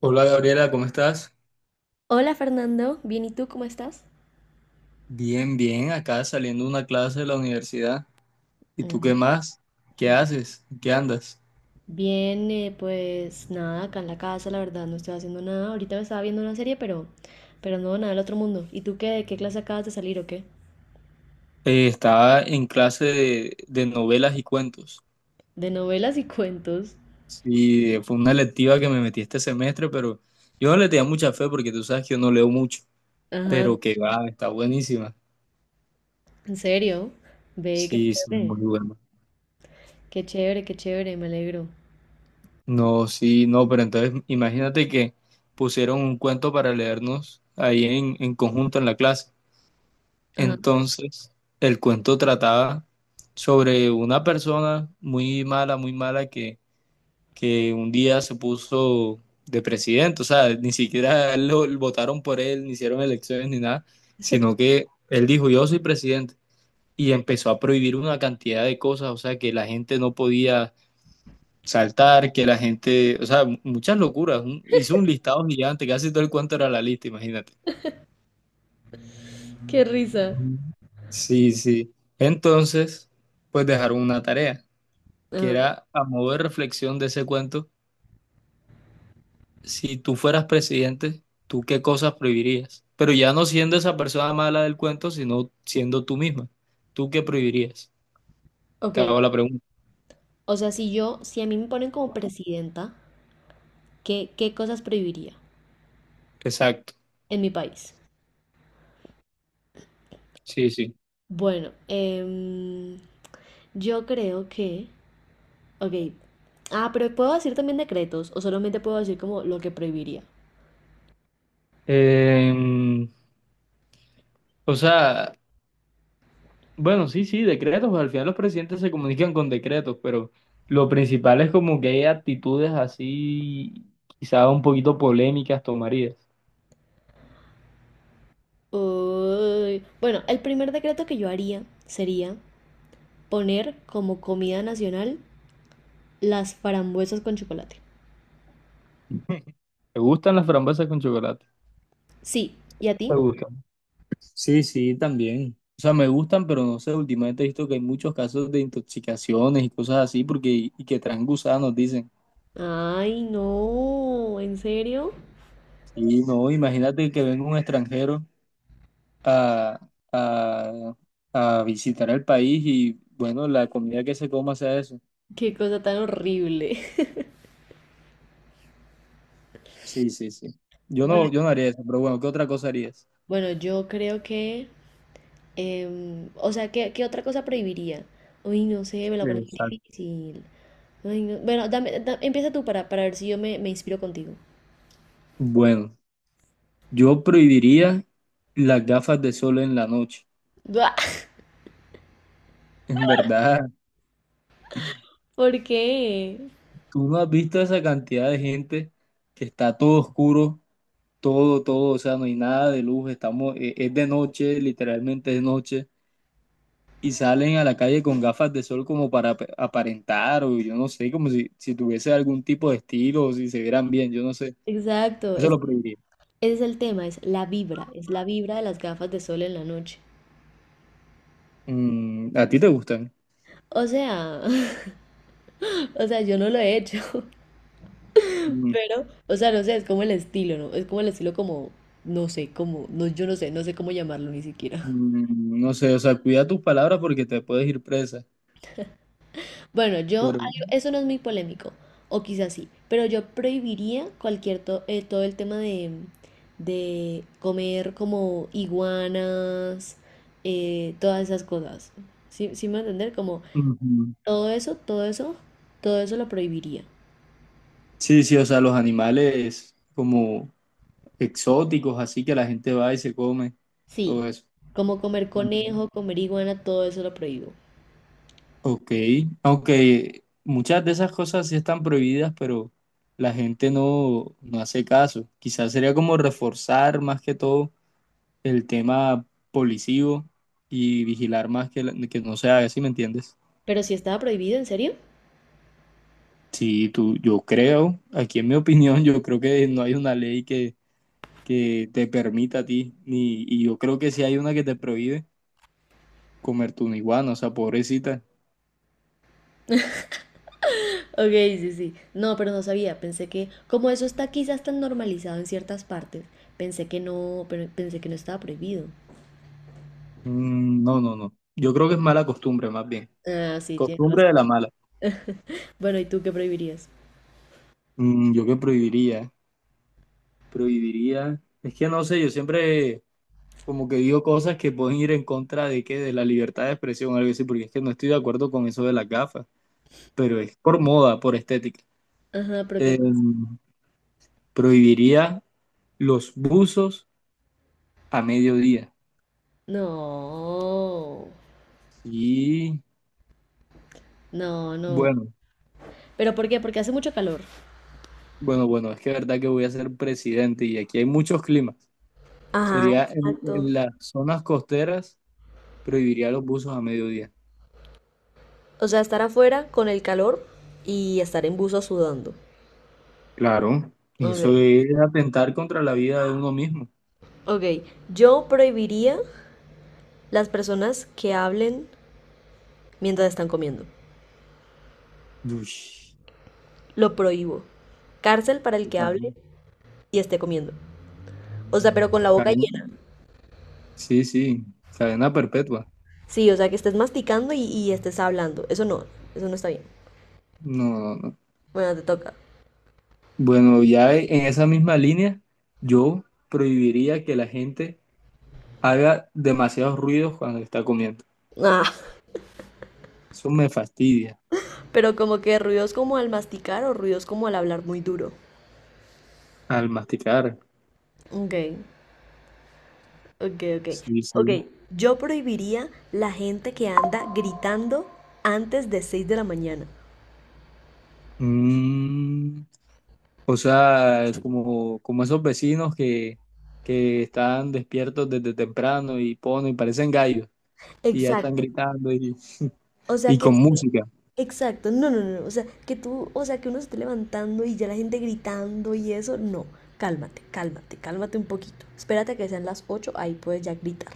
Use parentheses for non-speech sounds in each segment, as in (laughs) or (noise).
Hola Gabriela, ¿cómo estás? Hola Fernando, bien, ¿y tú cómo estás? Bien, bien, acá saliendo de una clase de la universidad. ¿Y tú qué Mm. más? ¿Qué haces? ¿Qué andas? Bien, pues nada, acá en la casa, la verdad, no estoy haciendo nada. Ahorita me estaba viendo una serie, pero, no, nada del otro mundo. ¿Y tú qué? ¿De qué clase acabas de salir o qué? Estaba en clase de novelas y cuentos. De novelas y (laughs) cuentos. Sí, fue una electiva que me metí este semestre, pero yo no le tenía mucha fe porque tú sabes que yo no leo mucho. Ajá, Pero que va, está buenísima. ¿en serio? Ve, qué Sí, sí, chévere. muy bueno. Qué chévere, qué chévere, me alegro. No, sí, no, pero entonces imagínate que pusieron un cuento para leernos ahí en conjunto en la clase. Ajá, Entonces, el cuento trataba sobre una persona muy mala que un día se puso de presidente, o sea, ni siquiera lo, votaron por él, ni hicieron elecciones ni nada, sino que él dijo, yo soy presidente, y empezó a prohibir una cantidad de cosas, o sea, que la gente no podía saltar, que la gente, o sea, muchas locuras, hizo un listado gigante, casi todo el cuento era la lista, imagínate. qué risa. Mm. Sí, sí. Entonces, pues dejaron una tarea, que Ajá, era a modo de reflexión de ese cuento, si tú fueras presidente, ¿tú qué cosas prohibirías? Pero ya no siendo esa persona mala del cuento, sino siendo tú misma. ¿Tú qué prohibirías? ok. Te hago la pregunta. O sea, si a mí me ponen como presidenta, ¿qué, qué cosas prohibiría Exacto. en mi país? Sí, sí. Bueno, eh. Yo creo que, ok. Ah, pero puedo decir también decretos o solamente puedo decir como lo que prohibiría. Eh, o sea, bueno, sí, sí, decretos, pues al final los presidentes se comunican con decretos, pero lo principal es como que hay actitudes así, quizá un poquito polémicas tomarías. Uy, bueno, el primer decreto que yo haría sería poner como comida nacional las frambuesas con chocolate. ¿Te gustan las frambuesas con chocolate? Sí, ¿y a ¿Te ti? gustan? Sí, sí, también. O sea, me gustan, pero no sé, últimamente he visto que hay muchos casos de intoxicaciones y cosas así, porque y que traen gusanos, dicen. Ay, no, ¿en serio? Y no, imagínate que venga un extranjero a, a, a visitar el país y, bueno, la comida que se coma sea eso. Qué cosa tan horrible. (laughs) Sí, sí, sí. Yo Bueno, no, yo no haría eso, pero bueno, ¿qué otra cosa harías? bueno, yo creo que o sea, ¿qué, qué otra cosa prohibiría? Uy, no sé, me la pones muy Exacto. difícil. Ay, no- bueno, empieza tú para ver si me inspiro contigo. Bueno, yo prohibiría las gafas de sol en la noche. Buah, En verdad, (laughs) ¿por qué? tú no has visto esa cantidad de gente que está todo oscuro, todo, todo, o sea, no hay nada de luz, estamos, es de noche, literalmente es noche, y salen a la calle con gafas de sol como para aparentar, o yo no sé, como si, si tuviese algún tipo de estilo, o si se vieran bien, yo no sé. Exacto, Eso es, lo prohibiría. ese es el tema, es la vibra de las gafas de sol en la noche. Mm, ¿a ti te gustan? O sea, (laughs) o sea, yo no lo he hecho, (laughs) pero, o sea, no sé, es como el estilo, ¿no? Es como el estilo como, no sé, como, no, yo no sé, no sé cómo llamarlo ni siquiera. Mm, no sé, o sea, cuida tus palabras porque te puedes ir presa. Bueno, yo, algo- Pero, eso no es muy polémico, o quizás sí, pero yo prohibiría cualquier, todo el tema de comer como iguanas, todas esas cosas. ¿Sí, sí me va a entender? Como ujú. todo eso, todo eso, todo eso lo prohibiría. Sí, sí, o sea, los animales como exóticos, así que la gente va y se come, Sí, todo eso. como comer Ujú. conejo, comer iguana, todo eso lo prohíbo. Ok, aunque muchas de esas cosas sí están prohibidas, pero la gente no, no hace caso. Quizás sería como reforzar más que todo el tema policivo y vigilar más que, que no se haga, ¿sí me entiendes? Pero si estaba prohibido, ¿en serio? Sí, tú, yo creo, aquí en mi opinión, yo creo que no hay una ley que te permita a ti, ni, y yo creo que sí hay una que te prohíbe comer tu iguana, o sea, pobrecita. Ok, sí, sí. No, pero no sabía. Pensé que, como eso está quizás tan normalizado en ciertas partes, pensé que no, pero pensé que no estaba prohibido. Mm, no, no, no. Yo creo que es mala costumbre, más bien. Ah, sí, tienes Costumbre razón. de la mala. Bueno, ¿y tú qué prohibirías? Mm, yo que prohibiría, prohibiría. Es que no sé, yo siempre como que digo cosas que pueden ir en contra de qué, de la libertad de expresión o algo así, porque es que no estoy de acuerdo con eso de las gafas, pero es por moda, por estética. Ajá, pero ¿qué más? Em, prohibiría los buzos a mediodía. No, Y no, no. bueno, ¿Pero por qué? Porque hace mucho calor. bueno, es que es verdad que voy a ser presidente y aquí hay muchos climas. Ajá, Sería exacto. en las zonas costeras, prohibiría los buzos a mediodía. O sea, estar afuera con el calor y estar en buzo sudando. Claro, y eso Ok. es atentar contra la vida de uno mismo. Ok, yo prohibiría las personas que hablen mientras están comiendo. Uy, Lo prohíbo. Cárcel para el qué que cadena. hable y esté comiendo. O sea, pero con la boca cadena- llena. Sí, sí, cadena perpetua. Sí, o sea, que estés masticando y estés hablando. Eso no está bien. No, no, no. Bueno, te toca. Bueno, ya en esa misma línea, yo prohibiría que la gente haga demasiados ruidos cuando está comiendo. Ah, Eso me fastidia (laughs) pero como que ruidos como al masticar o ruidos como al hablar muy duro. al masticar. Ok, ok, ok. Sí, sí. Ok, yo prohibiría la gente que anda gritando antes de 6 de la mañana. Mm, o sea, es como, como esos vecinos que están despiertos desde temprano y ponen, parecen gallos y ya están Exacto. gritando O sea y que, con música. exacto, no, no, no, no, o sea que tú, o sea que uno se esté levantando y ya la gente gritando y eso, no, cálmate, cálmate, cálmate un poquito. Espérate a que sean las 8, ahí puedes ya gritar.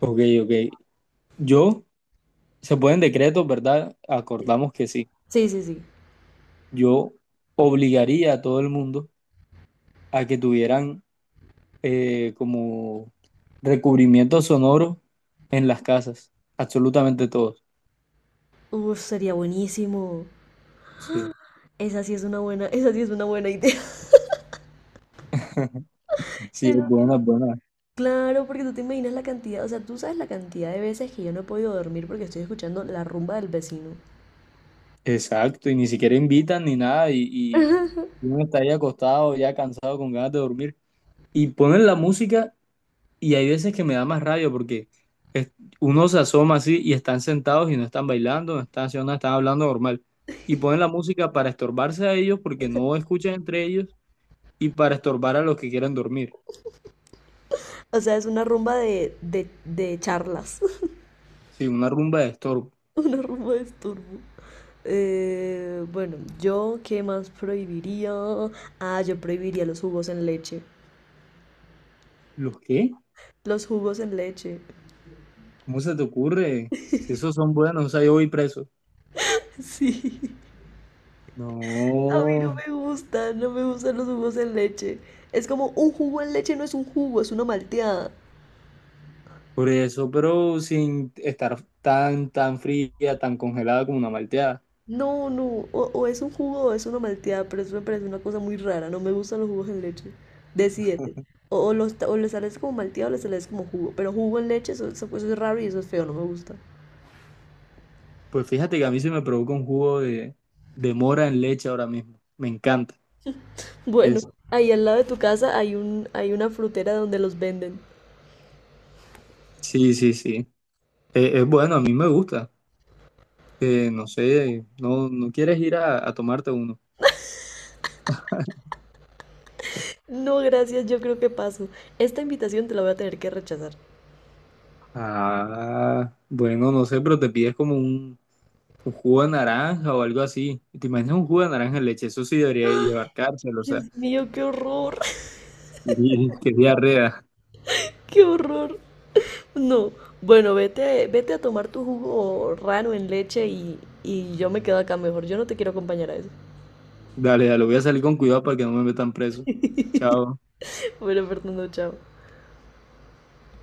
Ok, ok. Yo, se pueden decretos, ¿verdad? Acordamos que sí. Sí, sí, sí. Yo obligaría a todo el mundo a que tuvieran como recubrimiento sonoro en las casas, absolutamente todos. Uf, sería buenísimo. Sí, Esa sí es una buena, (laughs) esa sí es una buena idea. (laughs) sí, es Eso- sí. buena, es buena. Claro, porque tú te imaginas la cantidad, o sea, tú sabes la cantidad de veces que yo no he podido dormir porque estoy escuchando la rumba del vecino. Exacto, y ni siquiera invitan ni nada, y uno está ahí acostado, ya cansado, con ganas de dormir, y ponen la música, y hay veces que me da más rabia porque es- uno se asoma así y están sentados y no están bailando, no están haciendo nada, están hablando normal, y ponen la música para estorbarse a ellos porque no escuchan entre ellos y para estorbar a los que quieren dormir. O sea, es una rumba de, de charlas. (laughs) Sí, una rumba de estorbo. (laughs) Una rumba de estorbo. Bueno, yo qué más prohibiría. Ah, yo prohibiría los jugos en leche. ¿Los qué? Los jugos en leche. ¿Cómo se te ocurre? Si esos son buenos, o sea, yo voy preso. (laughs) Sí. A mí no No, me gustan, no me gustan los jugos en leche. Es como un jugo en leche no es un jugo, es una malteada. por eso, pero sin estar tan, tan fría, tan congelada como una malteada. No, no, o es un jugo o es una malteada, pero eso me parece una cosa muy rara. No me gustan los jugos en leche. Decídete. O le sales como malteado o le sales como jugo. Pero jugo en leche, eso, eso es raro y eso es feo, no me gusta. Pues fíjate que a mí se me provoca un jugo de mora en leche ahora mismo. Me encanta. Bueno, Es, ahí al lado de tu casa hay un, hay una frutera donde los venden. sí, sí, sí. Es, bueno, a mí me gusta. No sé, no, no quieres ir a tomarte uno. No, gracias, yo creo que paso. Esta invitación te la voy a tener que rechazar. Ah, bueno, no sé, pero te pides como un jugo de naranja o algo así. ¿Te imaginas un jugo de naranja en leche? Eso sí debería llevar cárcel, o sea, Dios mío, qué horror, (laughs) (laughs) y qué diarrea. qué horror. No, bueno, vete, vete a tomar tu jugo raro en leche y yo me quedo acá mejor. Yo no te quiero acompañar a eso. Dale, dale, voy a salir con cuidado para que no me metan preso. Chao. (laughs) Bueno, Fernando, chao.